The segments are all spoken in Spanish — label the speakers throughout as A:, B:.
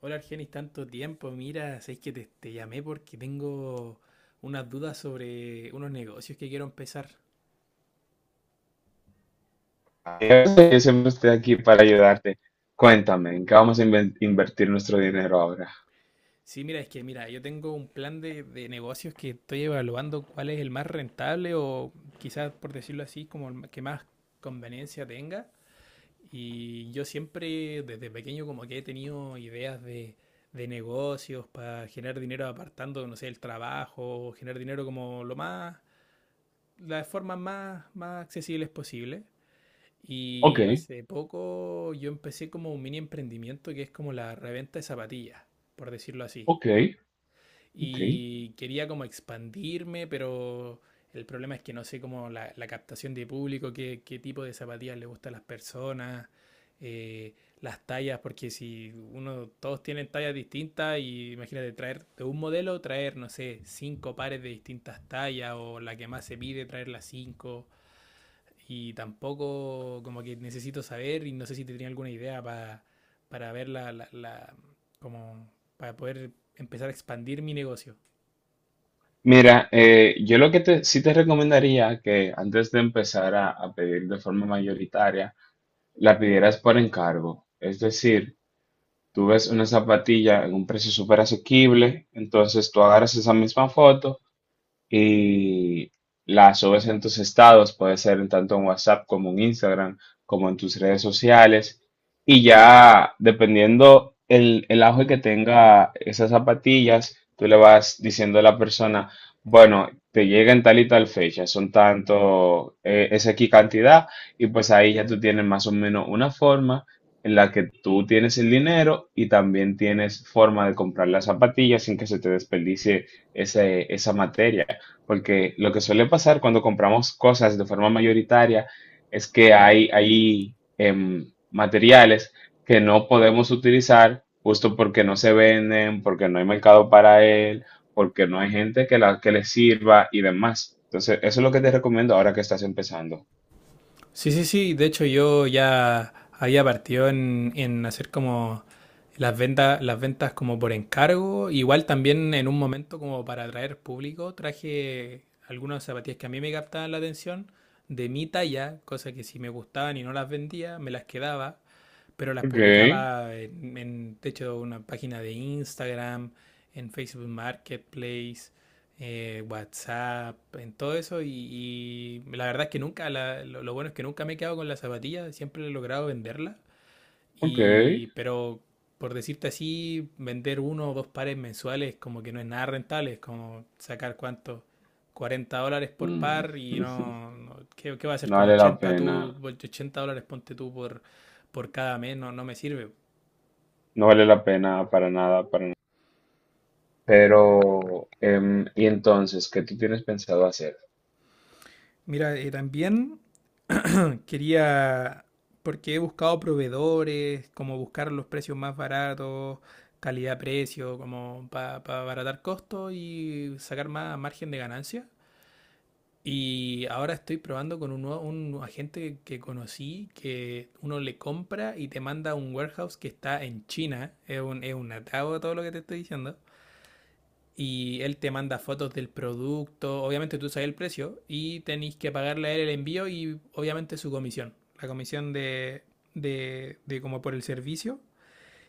A: Hola Argenis, tanto tiempo. Mira, sabéis que te llamé porque tengo unas dudas sobre unos negocios que quiero empezar.
B: Yo siempre estoy aquí para ayudarte. Cuéntame, ¿en qué vamos a invertir nuestro dinero ahora?
A: Sí, mira, es que mira, yo tengo un plan de negocios que estoy evaluando cuál es el más rentable o quizás por decirlo así, como el que más conveniencia tenga. Y yo siempre desde pequeño como que he tenido ideas de negocios para generar dinero apartando, no sé, el trabajo, generar dinero como lo más, las formas más, más accesibles posibles.
B: Ok,
A: Y hace poco yo empecé como un mini emprendimiento que es como la reventa de zapatillas, por decirlo así.
B: ok, ok.
A: Y quería como expandirme, pero el problema es que no sé cómo la captación de público, qué tipo de zapatillas le gustan a las personas, eh, las tallas, porque si uno, todos tienen tallas distintas y imagínate traer de un modelo, traer, no sé, cinco pares de distintas tallas o la que más se pide, traer las cinco. Y tampoco como que necesito saber y no sé si te tenía alguna idea para ver como para poder empezar a expandir mi negocio.
B: Mira, yo lo que te, sí te recomendaría que antes de empezar a pedir de forma mayoritaria, la pidieras por encargo. Es decir, tú ves una zapatilla en un precio súper asequible, entonces tú agarras esa misma foto y la subes en tus estados, puede ser en tanto en WhatsApp como en Instagram, como en tus redes sociales. Y ya dependiendo el auge que tenga esas zapatillas, tú le vas diciendo a la persona, bueno, te llega en tal y tal fecha, son tanto, es aquí cantidad, y pues ahí ya tú tienes más o menos una forma en la que tú tienes el dinero y también tienes forma de comprar las zapatillas sin que se te desperdicie esa materia. Porque lo que suele pasar cuando compramos cosas de forma mayoritaria es que hay materiales que no podemos utilizar justo porque no se venden, porque no hay mercado para él, porque no hay gente que le sirva y demás. Entonces, eso es lo que te recomiendo ahora que estás empezando.
A: Sí, sí, sí. De hecho, yo ya había partido en hacer como las ventas como por encargo. Igual también en un momento como para atraer público, traje algunas zapatillas que a mí me captaban la atención de mi talla, cosas que si me gustaban y no las vendía, me las quedaba pero las
B: Ok,
A: publicaba en de hecho, una página de Instagram, en Facebook Marketplace, WhatsApp, en todo eso. Y la verdad es que nunca, la, lo, bueno es que nunca me he quedado con la zapatilla, siempre he logrado venderla.
B: ok.
A: Y, pero por decirte así, vender uno o dos pares mensuales como que no es nada rentable, es como sacar cuánto, $40 por
B: Mm.
A: par y no, no- ¿qué va a hacer
B: No
A: con
B: vale la
A: 80
B: pena,
A: tú? $80 ponte tú por cada mes, no, no me sirve.
B: no vale la pena para nada, para nada. Pero, ¿y entonces qué tú tienes pensado hacer?
A: Mira, también quería, porque he buscado proveedores, como buscar los precios más baratos, calidad-precio, como para abaratar costos y sacar más margen de ganancia. Y ahora estoy probando con un agente que conocí que uno le compra y te manda a un warehouse que está en China. Es un atado todo lo que te estoy diciendo. Y él te manda fotos del producto. Obviamente tú sabes el precio y tenéis que pagarle a él el envío y obviamente su comisión. La comisión de como por el servicio.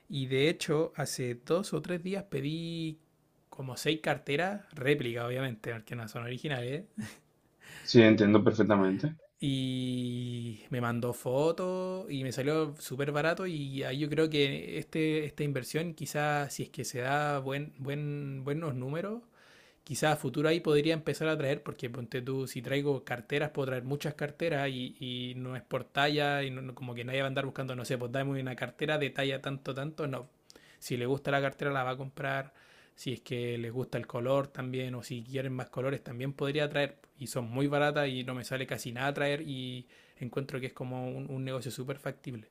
A: Y de hecho, hace dos o tres días pedí como 6 carteras, réplica obviamente, porque no son originales.
B: Sí, entiendo perfectamente.
A: Y me mandó fotos y me salió súper barato y ahí yo creo que esta inversión quizás si es que se da buenos números, quizás a futuro ahí podría empezar a traer, porque ponte tú, si traigo carteras, puedo traer muchas carteras y no es por talla, como que nadie va a andar buscando, no sé, pues dame una cartera de talla tanto, tanto, no. Si le gusta la cartera, la va a comprar. Si es que les gusta el color también, o si quieren más colores, también podría traer. Y son muy baratas y no me sale casi nada traer. Y encuentro que es como un negocio súper factible.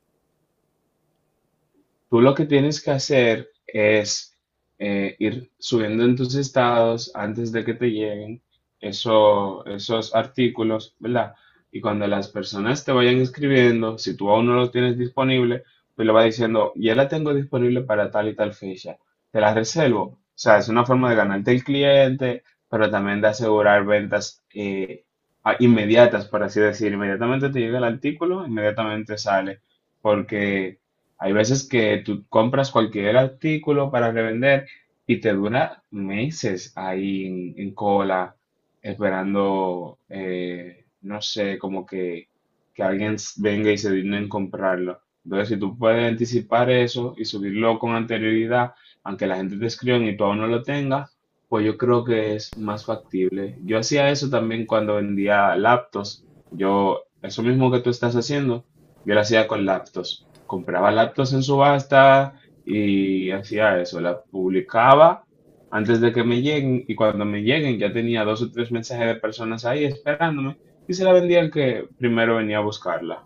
B: Tú lo que tienes que hacer es ir subiendo en tus estados antes de que te lleguen esos artículos, ¿verdad? Y cuando las personas te vayan escribiendo, si tú aún no lo tienes disponible, pues le va diciendo, ya la tengo disponible para tal y tal fecha, te la reservo. O sea, es una forma de ganarte el cliente, pero también de asegurar ventas inmediatas, por así decir. Inmediatamente te llega el artículo, inmediatamente sale porque hay veces que tú compras cualquier artículo para revender y te dura meses ahí en, cola, esperando, no sé, como que alguien venga y se digne en comprarlo. Entonces, si tú puedes anticipar eso y subirlo con anterioridad, aunque la gente te escriba y tú aún no lo tengas, pues yo creo que es más factible. Yo hacía eso también cuando vendía laptops. Yo, eso mismo que tú estás haciendo. Yo lo hacía con laptops. Compraba laptops en subasta y hacía eso. La publicaba antes de que me lleguen y cuando me lleguen ya tenía dos o tres mensajes de personas ahí esperándome y se la vendía al que primero venía a buscarla.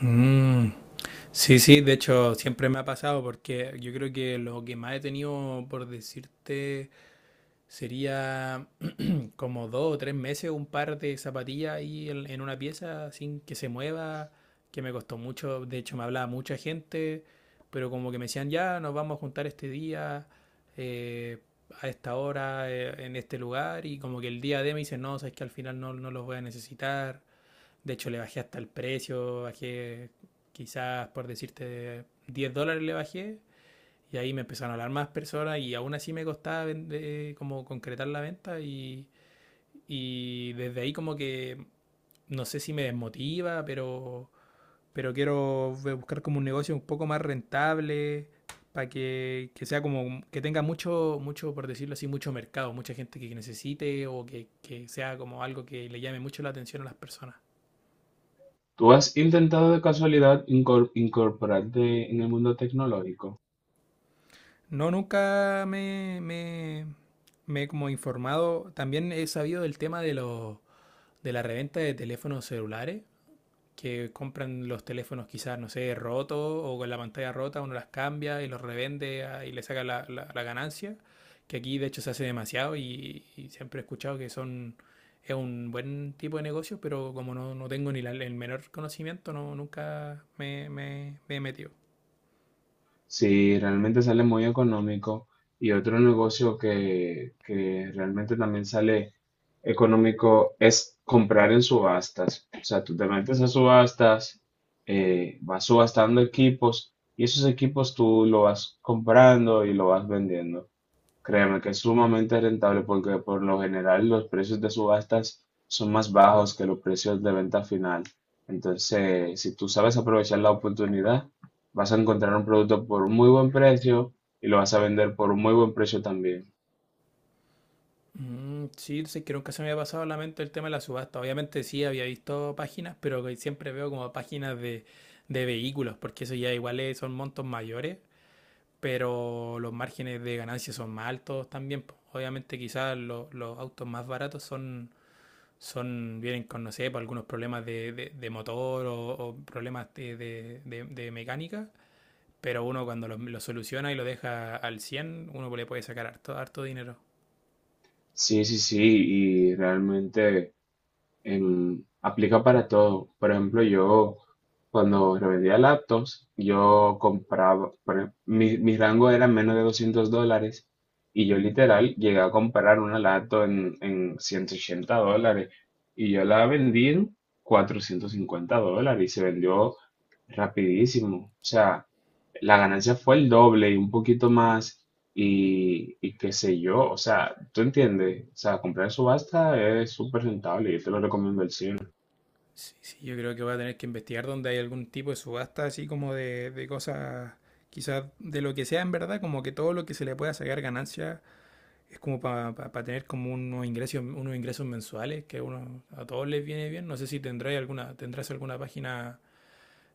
A: Mm. Sí, sí, de hecho siempre me ha pasado porque yo creo que lo que más he tenido, por decirte, sería como dos o tres meses un par de zapatillas ahí en una pieza sin que se mueva, que me costó mucho. De hecho, me hablaba mucha gente, pero como que me decían, ya, nos vamos a juntar este día, eh, a esta hora, en este lugar. Y como que el día de me dicen, no, sabes que al final no, no los voy a necesitar. De hecho, le bajé hasta el precio, bajé quizás, por decirte, $10 le bajé y ahí me empezaron a hablar más personas y aún así me costaba vender- como concretar la venta y desde ahí como que no sé si me desmotiva, pero quiero buscar como un negocio un poco más rentable para que sea como que tenga mucho, mucho, por decirlo así, mucho mercado, mucha gente que necesite o que sea como algo que le llame mucho la atención a las personas.
B: ¿Tú has intentado de casualidad incorporarte en el mundo tecnológico?
A: No, nunca me he como informado. También he sabido del tema de los de la reventa de teléfonos celulares, que compran los teléfonos quizás, no sé, rotos o con la pantalla rota, uno las cambia y los revende ah, y le saca la ganancia, que aquí de hecho se hace demasiado y siempre he escuchado que son, es un buen tipo de negocio, pero como no, no tengo ni el menor conocimiento, no, nunca me he metido.
B: Sí, realmente sale muy económico. Y otro negocio que realmente también sale económico es comprar en subastas. O sea, tú te metes a subastas, vas subastando equipos y esos equipos tú lo vas comprando y lo vas vendiendo. Créeme que es sumamente rentable porque por lo general los precios de subastas son más bajos que los precios de venta final. Entonces, si tú sabes aprovechar la oportunidad, vas a encontrar un producto por un muy buen precio y lo vas a vender por un muy buen precio también.
A: Mm, sí, sí, creo que se me había pasado a la mente el tema de la subasta. Obviamente sí había visto páginas, pero que siempre veo como páginas de vehículos, porque eso ya igual son montos mayores, pero los márgenes de ganancia son más altos también. Po. Obviamente quizás los autos más baratos son, son vienen con, no sé, por algunos problemas de motor o problemas de mecánica, pero uno cuando los soluciona y lo deja al 100 uno le puede sacar harto, harto dinero.
B: Sí, sí, sí, y realmente aplica para todo. Por ejemplo, yo cuando revendía laptops, yo compraba, mi rango era menos de $200 y yo literal llegué a comprar una laptop en, $180 y yo la vendí en $450 y se vendió rapidísimo. O sea, la ganancia fue el doble y un poquito más y qué sé yo, o sea, tú entiendes, o sea, comprar en subasta es súper rentable, yo te lo recomiendo el cien.
A: Sí, sí, yo creo que voy a tener que investigar dónde hay algún tipo de subasta así como de cosas, quizás de lo que sea en verdad, como que todo lo que se le pueda sacar ganancia es como para tener como unos ingresos mensuales que a uno, a todos les viene bien. No sé si tendráis alguna, tendrás alguna página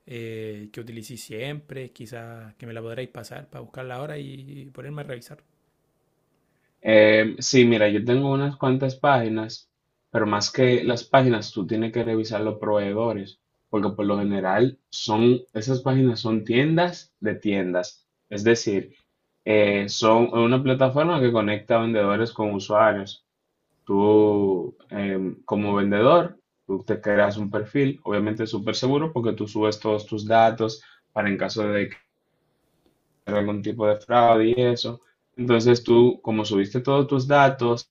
A: que utilicéis siempre, quizás que me la podréis pasar para buscarla ahora y ponerme a revisar.
B: Sí, mira, yo tengo unas cuantas páginas, pero más que las páginas, tú tienes que revisar los proveedores, porque por lo general son, esas páginas son tiendas de tiendas, es decir, son una plataforma que conecta vendedores con usuarios. Tú, como vendedor, tú te creas un perfil, obviamente súper seguro, porque tú subes todos tus datos para en caso de que haya algún tipo de fraude y eso. Entonces tú, como subiste todos tus datos,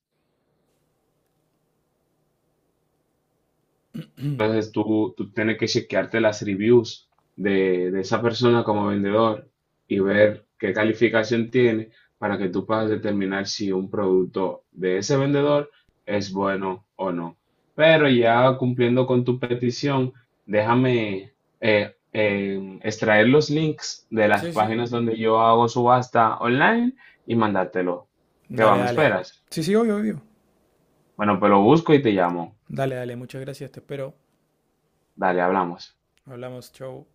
A: Mm.
B: entonces tú, tienes que chequearte las reviews de esa persona como vendedor y ver qué calificación tiene para que tú puedas determinar si un producto de ese vendedor es bueno o no. Pero ya cumpliendo con tu petición, déjame extraer los links de las
A: Sí, sí.
B: páginas donde yo hago subasta online y mandártelo. ¿Qué va?
A: Dale,
B: ¿Me
A: dale.
B: esperas?
A: Sí, sí, obvio, obvio.
B: Bueno, pues lo busco y te llamo.
A: Dale, dale, muchas gracias, te espero.
B: Dale, hablamos.
A: Hablamos, chau.